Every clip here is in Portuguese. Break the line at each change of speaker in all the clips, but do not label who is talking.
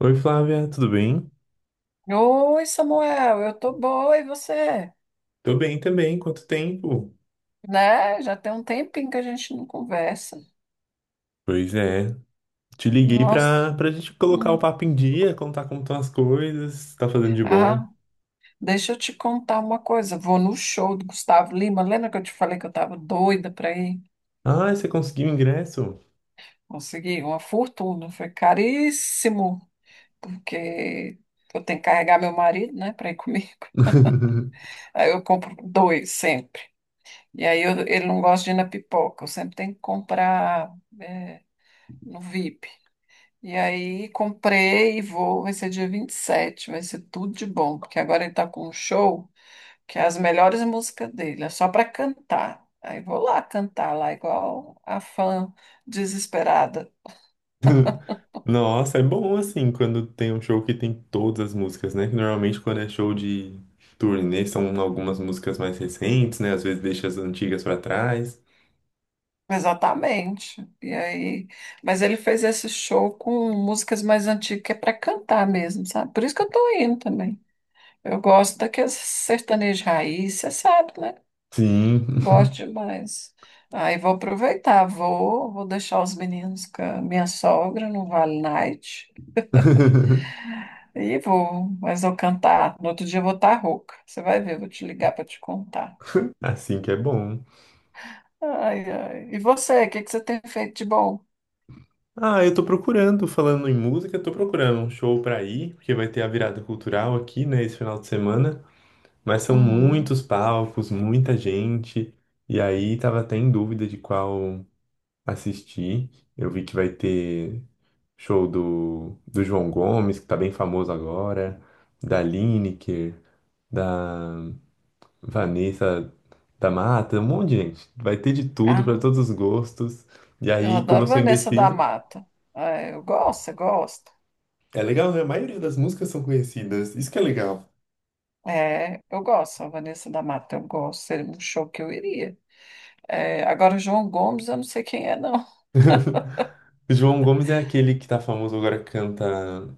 Oi, Flávia, tudo bem?
Oi, Samuel, eu tô boa, e você?
Tô bem também, quanto tempo?
Né? Já tem um tempinho que a gente não conversa.
Pois é, te liguei
Nossa.
pra gente colocar o
Hum.
papo em dia, contar como estão as coisas, tá fazendo de bom.
Ah, deixa eu te contar uma coisa. Vou no show do Gustavo Lima. Lembra que eu te falei que eu tava doida para ir?
Ah, você conseguiu o ingresso?
Consegui uma fortuna. Foi caríssimo, porque eu tenho que carregar meu marido, né, para ir comigo. Aí eu compro dois sempre. E aí ele não gosta de ir na pipoca. Eu sempre tenho que comprar, é, no VIP. E aí comprei e vou, vai ser dia 27. Vai ser tudo de bom, porque agora ele tá com um show que é as melhores músicas dele, é só para cantar. Aí vou lá cantar lá igual a fã desesperada.
Nossa, é bom assim quando tem um show que tem todas as músicas, né? Que normalmente quando é show de turnê são algumas músicas mais recentes, né? Às vezes deixa as antigas pra trás.
Exatamente. E aí, mas ele fez esse show com músicas mais antigas que é para cantar mesmo, sabe? Por isso que eu tô indo também. Eu gosto daqueles sertanejo raiz, você sabe, né?
Sim,
Gosto demais. Aí vou aproveitar, vou, vou deixar os meninos com a minha sogra no Vale Night. E vou, mas vou cantar. No outro dia eu vou estar rouca. Você vai ver, eu vou te ligar para te contar.
assim que é bom.
Ai, ai. E você, o que que você tem feito de bom?
Ah, eu tô procurando, falando em música, tô procurando um show pra ir, porque vai ter a virada cultural aqui, né, esse final de semana. Mas são
Uhum.
muitos palcos, muita gente, e aí tava até em dúvida de qual assistir. Eu vi que vai ter show do João Gomes, que tá bem famoso agora, da Lineker, da Vanessa da Mata, um monte de gente. Vai ter de tudo, pra
Ah,
todos os gostos. E
eu
aí, como eu
adoro
sou
Vanessa da
indeciso,
Mata. É, eu gosto, você gosta?
é legal, né? A maioria das músicas são conhecidas. Isso que é legal.
É, eu gosto, a Vanessa da Mata, eu gosto. Seria um show que eu iria. É, agora, o João Gomes, eu não sei quem é, não.
O João Gomes é aquele que tá famoso agora, canta,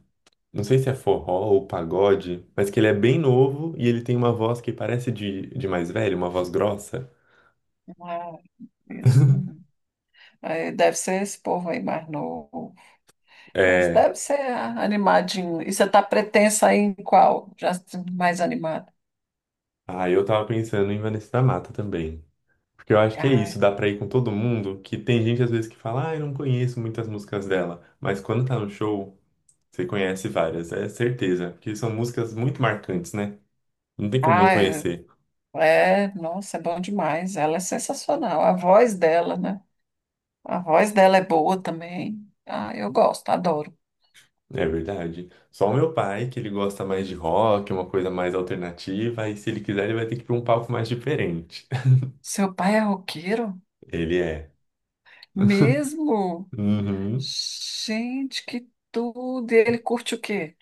não sei se é forró ou pagode, mas que ele é bem novo e ele tem uma voz que parece de mais velho, uma voz grossa.
Ah, isso, não. Aí deve ser esse povo aí mais novo. Mas
É.
deve ser ah, animadinho. E você está pretensa aí em qual? Já mais animada.
Ah, eu tava pensando em Vanessa da Mata também. Porque eu acho que é isso,
Ai,
dá pra ir com todo mundo, que tem gente às vezes que fala, ah, eu não conheço muitas músicas dela, mas quando tá no show, você conhece várias, é certeza, porque são músicas muito marcantes, né? Não tem como não
ai,
conhecer.
é, nossa, é bom demais. Ela é sensacional. A voz dela, né? A voz dela é boa também. Ah, eu gosto, adoro.
É verdade. Só o meu pai, que ele gosta mais de rock, uma coisa mais alternativa, e se ele quiser, ele vai ter que ir para um palco mais diferente.
Seu pai é roqueiro?
Ele é.
Mesmo?
Uhum.
Gente, que tudo! E ele curte o quê?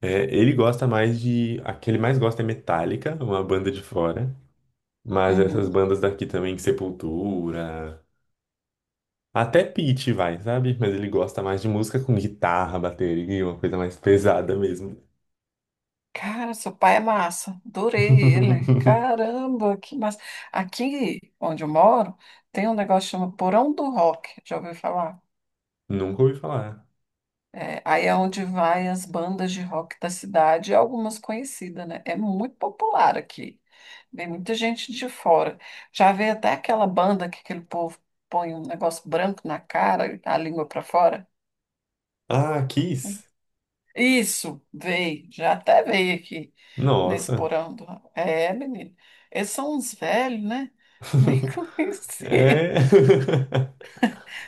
É, ele gosta mais de. A que ele mais gosta é Metallica, uma banda de fora. Mas essas
Uhum.
bandas daqui também, Sepultura. Até Pitty vai, sabe? Mas ele gosta mais de música com guitarra, bateria, uma coisa mais pesada mesmo.
Cara, seu pai é massa. Adorei ele. Caramba, que massa. Aqui onde eu moro, tem um negócio que chama Porão do Rock. Já ouviu falar?
Nunca ouvi falar.
É, aí é onde vai as bandas de rock da cidade, algumas conhecidas, né? É muito popular aqui. Vem muita gente de fora. Já veio até aquela banda que aquele povo põe um negócio branco na cara, a língua para fora.
Ah, Kiss?
Isso, veio, já até veio aqui nesse
Nossa,
porão do... É, menino, eles são uns velhos, né? Nem conheci.
é.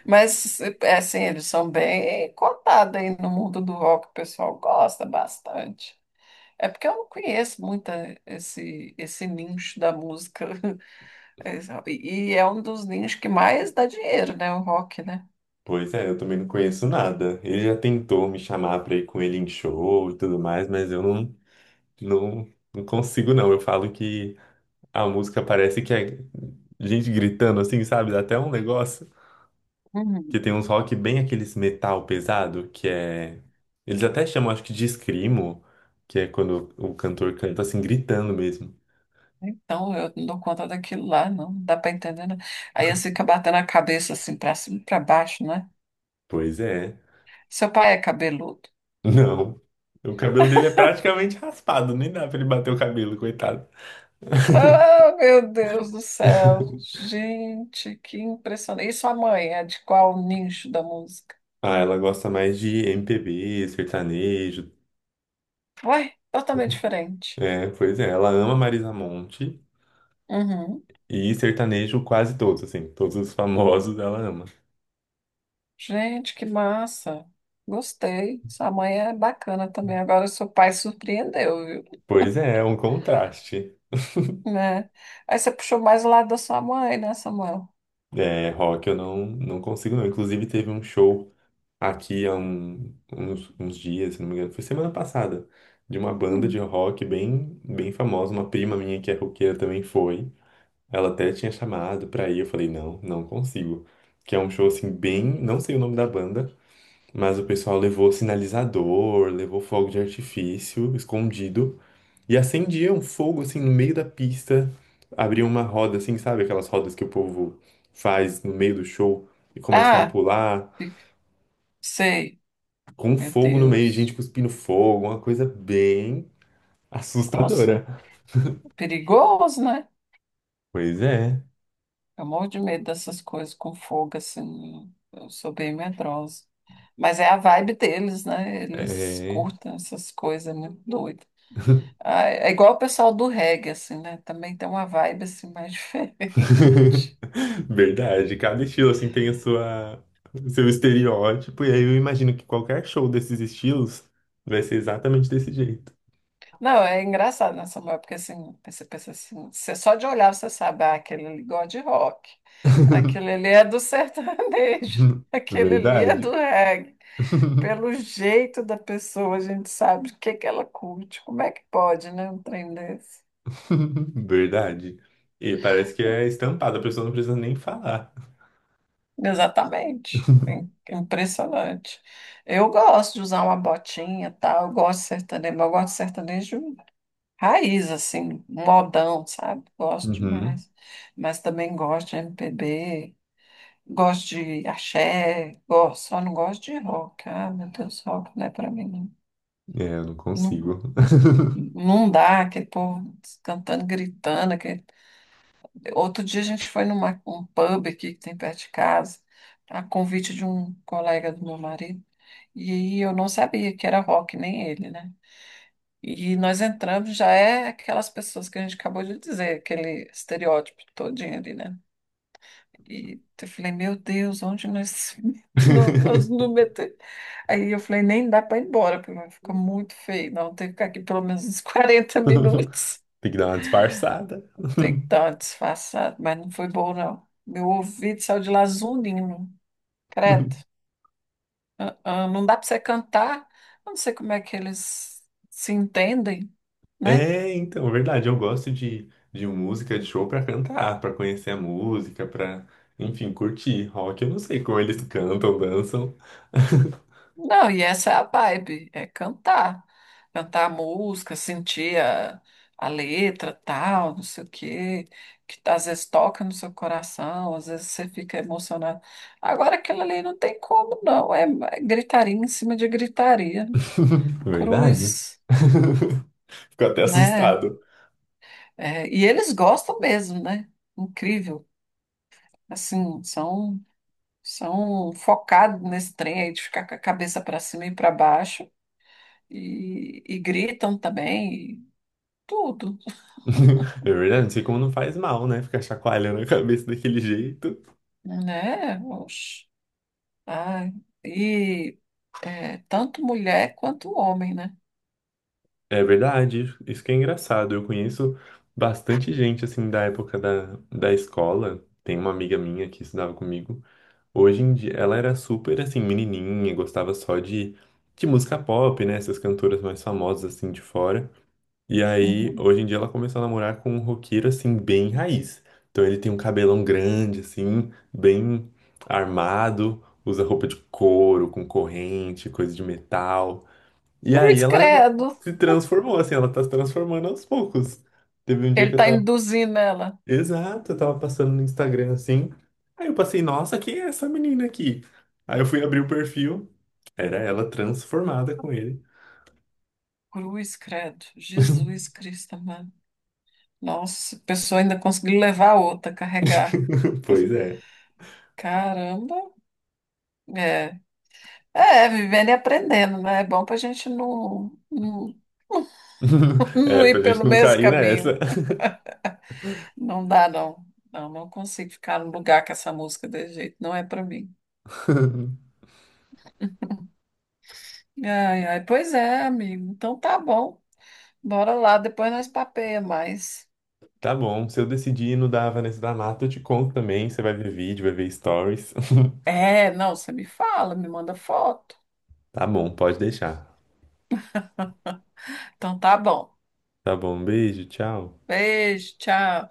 Mas, é assim, eles são bem cotados aí no mundo do rock, o pessoal gosta bastante. É porque eu não conheço muito esse, esse nicho da música. E é um dos nichos que mais dá dinheiro, né? O rock, né?
Pois é, eu também não conheço nada. Ele já tentou me chamar pra ir com ele em show e tudo mais, mas eu não, não consigo, não. Eu falo que a música parece que é gente gritando assim, sabe? Dá até um negócio. Que
Uhum.
tem uns rock bem aqueles metal pesado, que é. Eles até chamam, acho que de screamo, que é quando o cantor canta assim, gritando mesmo.
Então, eu não dou conta daquilo lá, não, não dá para entender, né? Aí você fico batendo a cabeça assim para cima e para baixo, né?
Pois é.
Seu pai é cabeludo.
Não. O cabelo dele é praticamente raspado, nem dá pra ele bater o cabelo, coitado.
Ah, meu Deus do céu! Gente, que impressionante. E sua mãe é de qual nicho da música?
Ah, ela gosta mais de MPB, sertanejo.
Ué, totalmente diferente.
É, pois é, ela ama Marisa Monte
Uhum.
e sertanejo quase todos, assim, todos os famosos ela ama.
Gente, que massa! Gostei. Sua mãe é bacana também. Agora, seu pai surpreendeu, viu?
Pois é, é um contraste.
Né? Aí você puxou mais o lado da sua mãe, né, Samuel?
É, rock eu não, não consigo não. Inclusive teve um show aqui há uns, uns dias, se não me engano, foi semana passada, de uma banda de
Hum.
rock bem famosa, uma prima minha que é roqueira também foi. Ela até tinha chamado pra ir, eu falei, não, não consigo. Que é um show assim, bem. Não sei o nome da banda, mas o pessoal levou sinalizador, levou fogo de artifício escondido e acendia um fogo assim no meio da pista. Abriam uma roda assim, sabe? Aquelas rodas que o povo faz no meio do show e começam a
Ah,
pular
sei.
com um
Meu
fogo no meio, gente
Deus.
cuspindo fogo, uma coisa bem
Nossa,
assustadora.
perigoso, né?
Pois é.
Eu morro de medo dessas coisas com fogo, assim. Eu sou bem medrosa. Mas é a vibe deles, né? Eles
É.
curtam essas coisas, é muito doido. Ah, é igual o pessoal do reggae, assim, né? Também tem uma vibe, assim, mais diferente.
Verdade, cada estilo assim tem a sua seu estereótipo, e aí eu imagino que qualquer show desses estilos vai ser exatamente desse jeito.
Não, é engraçado nessa mulher, porque, assim, você pensa assim, você só de olhar você sabe, ah, aquele ali gosta de rock, aquele ali é do sertanejo, aquele ali é do
Verdade.
reggae. Pelo jeito da pessoa, a gente sabe o que que ela curte. Como é que pode, né? Um trem desse.
Verdade. E parece que é estampado, a pessoa não precisa nem falar.
Exatamente. Impressionante. Eu gosto de usar uma botinha, tal. Eu gosto de sertanejo, mas eu gosto de sertanejo raiz, assim, modão, sabe? Gosto
Uhum.
demais. Mas também gosto de MPB, gosto de axé, gosto, só não gosto de rock. Ah, meu Deus, rock não é pra mim, não.
É, eu não
Não,
consigo.
não dá, aquele povo cantando, gritando. Outro dia a gente foi numa, um pub aqui que tem perto de casa, a convite de um colega do meu marido, e aí eu não sabia que era rock, nem ele, né? E nós entramos, já é aquelas pessoas que a gente acabou de dizer, aquele estereótipo todinho ali, né? E eu falei, meu Deus, onde nós não, nós não metemos? Aí eu falei, nem dá para ir embora, porque vai ficar muito feio, não, tem que ficar aqui pelo menos uns 40 minutos.
Tem que dar uma disfarçada.
Tem que dar uma disfarçada, mas não foi bom, não. Meu ouvido saiu de lazulino, credo. Ah, ah, não dá para você cantar. Eu não sei como é que eles se entendem, né?
É, então, é verdade, eu gosto de música de show pra cantar, pra conhecer a música, pra, enfim, curtir. Rock, eu não sei como eles cantam, dançam.
Não, e essa é a vibe, é cantar. Cantar a música, sentir a letra, tal, não sei o quê, que tá, às vezes toca no seu coração, às vezes você fica emocionado. Agora aquilo ali não tem como, não. É gritaria em cima de gritaria.
Verdade?
Cruz,
Fico até
né?
assustado.
É, e eles gostam mesmo, né? Incrível. Assim, são focados nesse trem aí de ficar com a cabeça para cima e para baixo e gritam também, e tudo,
É verdade, não sei como não faz mal, né? Ficar chacoalhando a cabeça daquele jeito.
né? Oxe. Ai, e é, tanto mulher quanto homem, né?
É verdade, isso que é engraçado. Eu conheço bastante gente, assim, da época da escola. Tem uma amiga minha que estudava comigo. Hoje em dia, ela era super assim, menininha, gostava só de música pop, né? Essas cantoras mais famosas assim de fora. E aí,
Uhum.
hoje em dia, ela começou a namorar com um roqueiro assim, bem raiz. Então, ele tem um cabelão grande, assim, bem armado, usa roupa de couro, com corrente, coisa de metal. E aí,
Cruz
ela
credo.
se transformou, assim, ela tá se transformando aos poucos. Teve um dia
Ele
que eu
está
tava
induzindo ela.
exato, eu tava passando no Instagram assim. Aí eu passei, nossa, quem é essa menina aqui? Aí eu fui abrir o perfil, era ela transformada com ele.
Cruz credo. Jesus Cristo, mano. Nossa, a pessoa ainda conseguiu levar a outra, carregar.
Pois é.
Caramba. É. É, vivendo e aprendendo, né? É bom para a gente não, não, não
É, pra
ir
gente
pelo
não
mesmo
cair
caminho.
nessa.
Não dá, não. Não, não consigo ficar no lugar com essa música desse jeito. Não é para mim. Ai, ai, pois é, amigo. Então tá bom. Bora lá, depois nós papeia mais.
Tá bom, se eu decidir ir no da Vanessa da Mata, eu te conto também. Você vai ver vídeo, vai ver stories.
É, não, você me fala, me manda foto.
Tá bom, pode deixar.
Então tá bom.
Tá bom, um beijo, tchau.
Beijo, tchau.